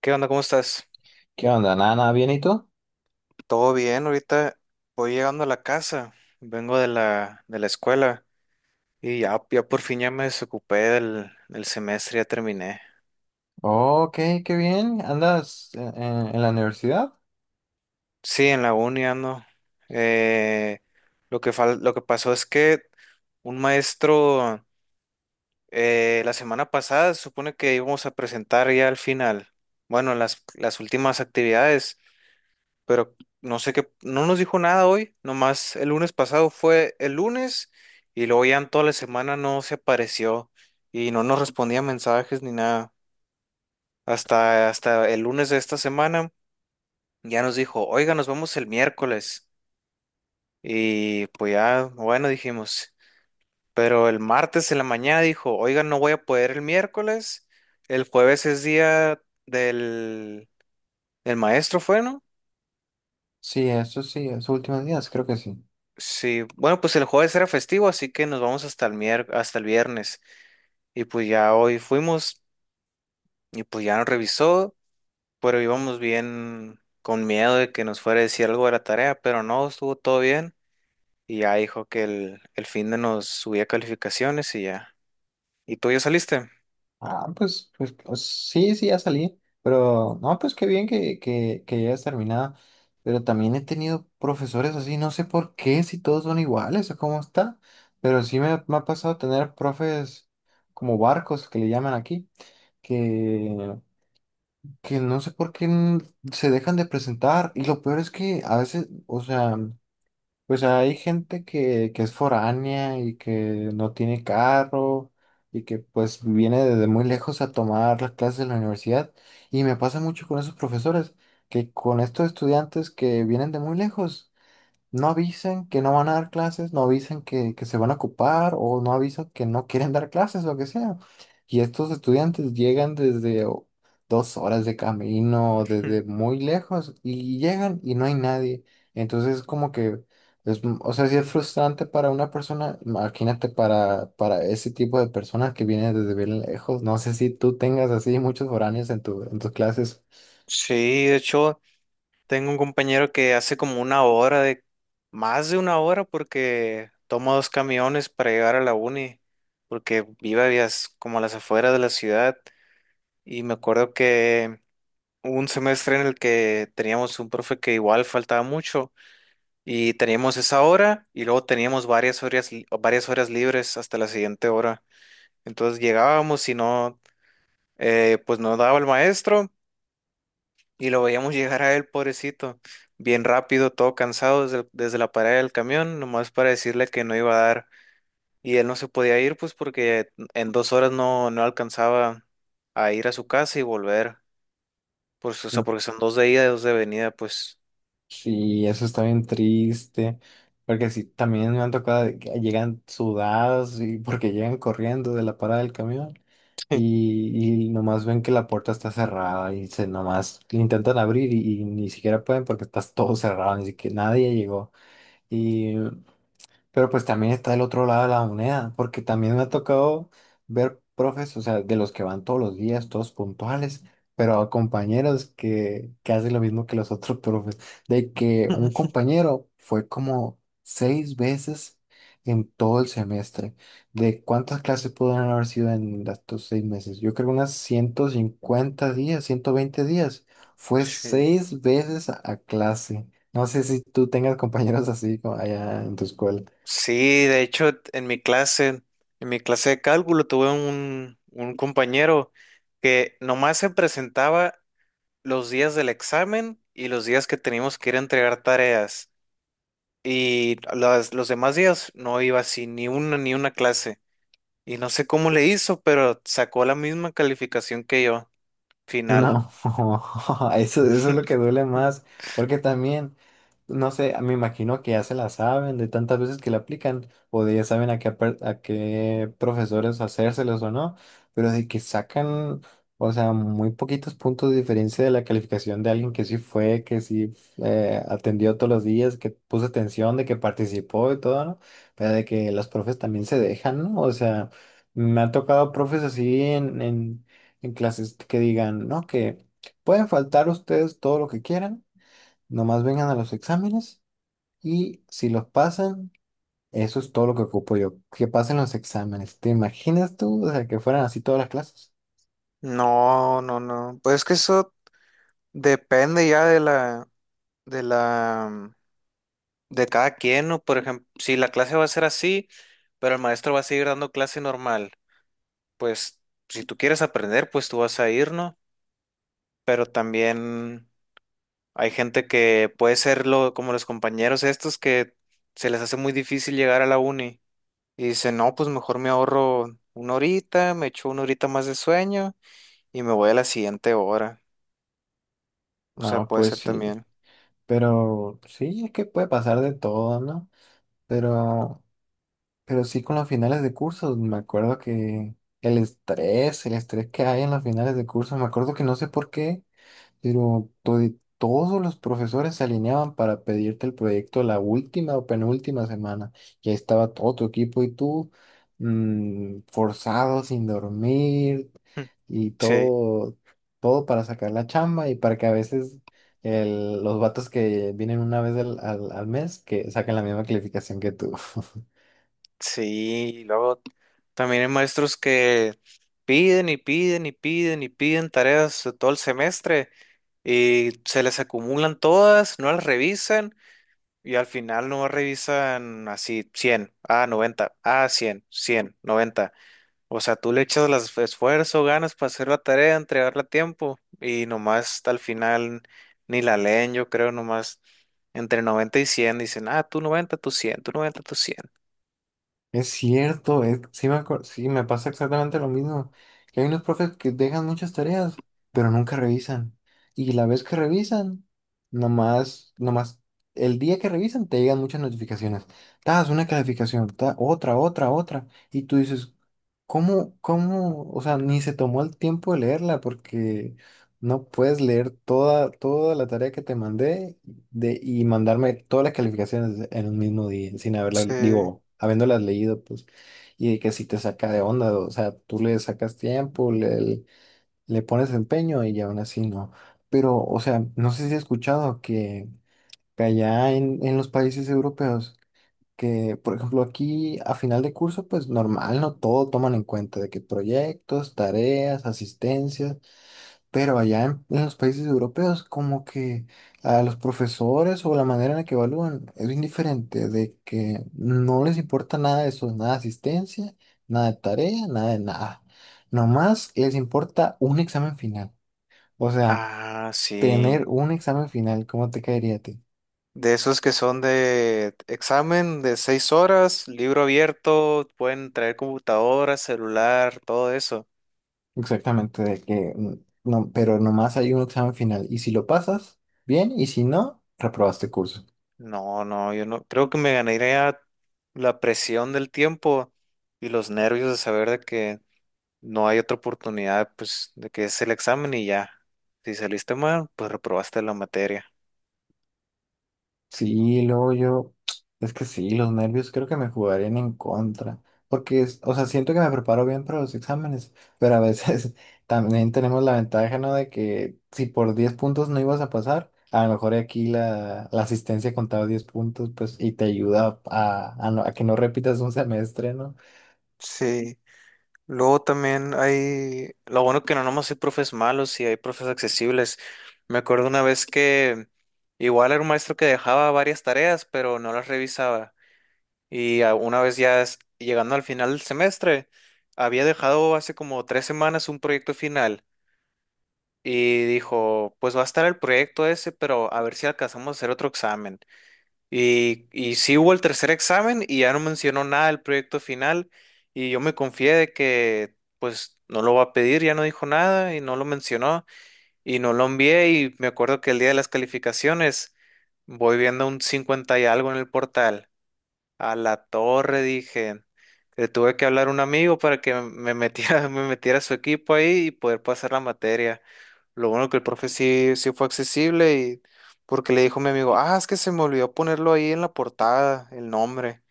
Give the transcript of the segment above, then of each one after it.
¿Qué onda? ¿Cómo estás? ¿Qué onda? ¿Nada, nada bien y tú? ¿Todo bien? Ahorita voy llegando a la casa, vengo de la escuela y ya, ya por fin ya me desocupé del semestre, ya terminé. Ok, qué bien. ¿Andas en la universidad? Sí, en la uni ando. Eh, lo que pasó es que un maestro la semana pasada se supone que íbamos a presentar ya al final, bueno, las últimas actividades, pero no sé qué, no nos dijo nada hoy, nomás el lunes pasado fue el lunes y luego ya en toda la semana no se apareció y no nos respondía mensajes ni nada. Hasta el lunes de esta semana ya nos dijo: oiga, nos vemos el miércoles. Y pues ya, bueno, dijimos. Pero el martes en la mañana dijo: oiga, no voy a poder el miércoles. El jueves es día del, del maestro, ¿fue, no? Sí, eso sí, esos últimos días, creo que sí. Sí, bueno, pues el jueves era festivo, así que nos vamos hasta el viernes. Y pues ya hoy fuimos y pues ya nos revisó, pero íbamos bien con miedo de que nos fuera a decir algo de la tarea, pero no, estuvo todo bien. Y ya dijo que el fin de nos subía calificaciones y ya. ¿Y tú ya saliste? Ah, pues, sí, sí, ya salí. Pero, no, pues qué bien que ya hayas terminado. Pero también he tenido profesores así, no sé por qué, si todos son iguales o cómo está. Pero sí me ha pasado tener profes como barcos, que le llaman aquí, que, que no sé por qué se dejan de presentar. Y lo peor es que a veces, o sea. Pues hay gente que es foránea y que no tiene carro y que pues viene desde muy lejos a tomar las clases en la universidad. Y me pasa mucho con esos profesores, que con estos estudiantes que vienen de muy lejos. No avisen que no van a dar clases, no avisen que se van a ocupar o no avisan que no quieren dar clases, lo que sea. Y estos estudiantes llegan desde dos horas de camino, Mm. desde muy lejos, y llegan y no hay nadie. Entonces es como que, es, o sea, sí es frustrante para una persona. Imagínate para ese tipo de personas que vienen desde bien lejos. No sé si tú tengas así muchos foráneos en tus clases. Sí, de hecho. Tengo un compañero que hace como una hora de, más de una hora porque toma dos camiones para llegar a la uni, porque vive vías como a las afueras de la ciudad. Y me acuerdo que hubo un semestre en el que teníamos un profe que igual faltaba mucho y teníamos esa hora y luego teníamos varias horas, varias horas libres hasta la siguiente hora. Entonces llegábamos y no, pues no daba el maestro. Y lo veíamos llegar a él, pobrecito, bien rápido, todo cansado desde la parada del camión, nomás para decirle que no iba a dar. Y él no se podía ir, pues porque en dos horas no alcanzaba a ir a su casa y volver. Pues, o sea, porque son dos de ida y dos de venida, pues. Sí, eso está bien triste, porque sí, también me han tocado de que llegan sudadas y porque llegan corriendo de la parada del camión y nomás ven que la puerta está cerrada y se nomás le intentan abrir y ni siquiera pueden porque está todo cerrado, ni siquiera nadie llegó. Pero pues también está el otro lado de la moneda, porque también me ha tocado ver profes, o sea, de los que van todos los días, todos puntuales, pero a compañeros que hacen lo mismo que los otros profes, de que un compañero fue como seis veces en todo el semestre. ¿De cuántas clases pudieron haber sido en estos 6 meses? Yo creo unas 150 días, 120 días. Fue Sí. seis veces a clase. No sé si tú tengas compañeros así como allá en tu escuela. Sí, de hecho, en mi clase de cálculo, tuve un compañero que nomás se presentaba los días del examen y los días que teníamos que ir a entregar tareas. Y los demás días no iba así, ni una clase. Y no sé cómo le hizo, pero sacó la misma calificación que yo, final. No, eso es lo que duele más, porque también, no sé, me imagino que ya se la saben de tantas veces que la aplican, o de ya saben a qué profesores hacérselos o no, pero de que sacan, o sea, muy poquitos puntos de diferencia de la calificación de alguien que sí fue, que sí atendió todos los días, que puso atención, de que participó y todo, ¿no? Pero de que los profes también se dejan, ¿no? O sea. Me ha tocado profes así en clases que digan, ¿no? Que pueden faltar ustedes todo lo que quieran, nomás vengan a los exámenes y si los pasan, eso es todo lo que ocupo yo, que pasen los exámenes. ¿Te imaginas tú? O sea, que fueran así todas las clases. No, no, no. Pues es que eso depende ya de la, de cada quien, ¿no? Por ejemplo, si la clase va a ser así, pero el maestro va a seguir dando clase normal, pues si tú quieres aprender, pues tú vas a ir, ¿no? Pero también hay gente que puede ser como los compañeros estos que se les hace muy difícil llegar a la uni y dicen: no, pues mejor me ahorro una horita, me echo una horita más de sueño y me voy a la siguiente hora. O sea, No, puede pues ser sí, también. pero sí, es que puede pasar de todo, ¿no? Pero, pero sí con los finales de cursos, me acuerdo que el estrés que hay en los finales de cursos, me acuerdo que no sé por qué. Pero todos los profesores se alineaban para pedirte el proyecto la última o penúltima semana. Ya estaba todo tu equipo y tú forzado, sin dormir y Sí, todo, todo para sacar la chamba y para que a veces los vatos que vienen una vez al mes que saquen la misma calificación que tú. sí, y luego también hay maestros que piden y piden y piden y piden tareas todo el semestre y se les acumulan todas, no las revisan. Y al final no revisan, así 100, ah, 90, ah, 100, 100, 90. O sea, tú le echas las esfuerzo, ganas para hacer la tarea, entregarla a tiempo y nomás hasta al final ni la leen, yo creo, nomás entre 90 y 100 dicen: ah, tú 90, tú 100, tú 90, tú cien. Es cierto, sí, sí, me pasa exactamente lo mismo. Que hay unos profes que dejan muchas tareas, pero nunca revisan. Y la vez que revisan, nomás, nomás, el día que revisan te llegan muchas notificaciones. Das una calificación, otra, otra, otra. Y tú dices, ¿cómo, cómo? O sea, ni se tomó el tiempo de leerla porque no puedes leer toda, toda la tarea que te mandé y mandarme todas las calificaciones en un mismo día, sin haberlas, Sí. digo, habiéndolas leído, pues, y de que si te saca de onda, o sea, tú le sacas tiempo, le pones empeño y aún así no. Pero, o sea, no sé si has escuchado que allá en los países europeos, que, por ejemplo, aquí a final de curso, pues normal, no todo toman en cuenta de que proyectos, tareas, asistencias. Pero allá en los países europeos, como que a los profesores o la manera en la que evalúan es bien diferente, de que no les importa nada de eso, nada de asistencia, nada de tarea, nada de nada. Nomás les importa un examen final. O sea, Ah, sí. tener un examen final, ¿cómo te caería a ti? De esos que son de examen de 6 horas, libro abierto, pueden traer computadora, celular, todo eso. Exactamente, de que no, pero nomás hay un examen final. Y si lo pasas, bien, y si no, reprobaste curso. No, no, yo no. Creo que me ganaría la presión del tiempo y los nervios de saber de que no hay otra oportunidad, pues, de que es el examen y ya. Si saliste mal, pues reprobaste la materia. Sí, luego yo, es que sí, los nervios creo que me jugarían en contra, porque, o sea, siento que me preparo bien para los exámenes, pero a veces también tenemos la ventaja, ¿no? De que si por 10 puntos no ibas a pasar, a lo mejor aquí la asistencia contaba 10 puntos, pues, y te ayuda a que no repitas un semestre, ¿no? Sí. Luego también hay, lo bueno que no nomás hay profes malos, sí hay profes accesibles. Me acuerdo una vez que igual era un maestro que dejaba varias tareas, pero no las revisaba. Y una vez ya llegando al final del semestre, había dejado hace como tres semanas un proyecto final y dijo: pues va a estar el proyecto ese, pero a ver si alcanzamos a hacer otro examen. Y sí hubo el tercer examen y ya no mencionó nada del proyecto final y yo me confié de que pues no lo va a pedir, ya no dijo nada y no lo mencionó y no lo envié. Y me acuerdo que el día de las calificaciones voy viendo un 50 y algo en el portal. A la torre, dije. Le tuve que hablar a un amigo para que me metiera, me metiera a su equipo ahí y poder pasar la materia. Lo bueno que el profe sí, sí fue accesible, y porque le dijo a mi amigo: ah, es que se me olvidó ponerlo ahí en la portada, el nombre.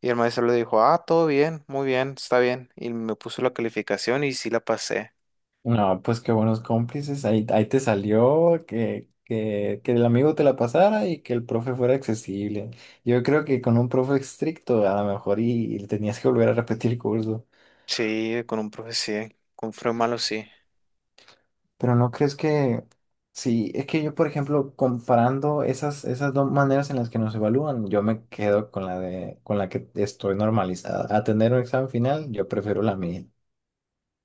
Y el maestro le dijo: ah, todo bien, muy bien, está bien. Y me puso la calificación y sí la pasé. No, pues qué buenos cómplices. Ahí te salió que el amigo te la pasara y que el profe fuera accesible. Yo creo que con un profe estricto a lo mejor y tenías que volver a repetir curso. Sí, con un profe sí, con un profe malo sí. Pero no crees que. Sí, es que yo, por ejemplo, comparando esas dos maneras en las que nos evalúan, yo me quedo con la que estoy normalizada. A tener un examen final, yo prefiero la mía.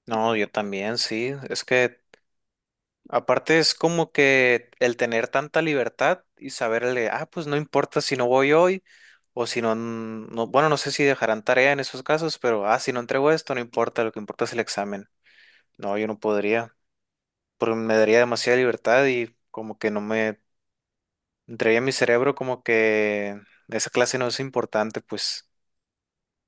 No, yo también sí. Es que aparte es como que el tener tanta libertad y saberle, ah, pues no importa si no voy hoy o si no, bueno, no sé si dejarán tarea en esos casos, pero, ah, si no entrego esto, no importa, lo que importa es el examen. No, yo no podría, porque me daría demasiada libertad y como que no me entraría en mi cerebro como que esa clase no es importante, pues.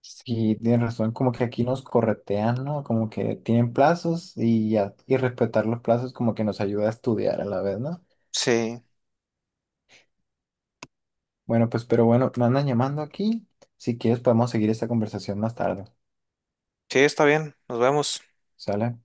Sí, tienes razón, como que aquí nos corretean, ¿no? Como que tienen plazos y ya, y respetar los plazos como que nos ayuda a estudiar a la vez, ¿no? Sí, Bueno, pues, pero bueno, me andan llamando aquí. Si quieres, podemos seguir esta conversación más tarde, sí, está bien, nos vemos. ¿sale?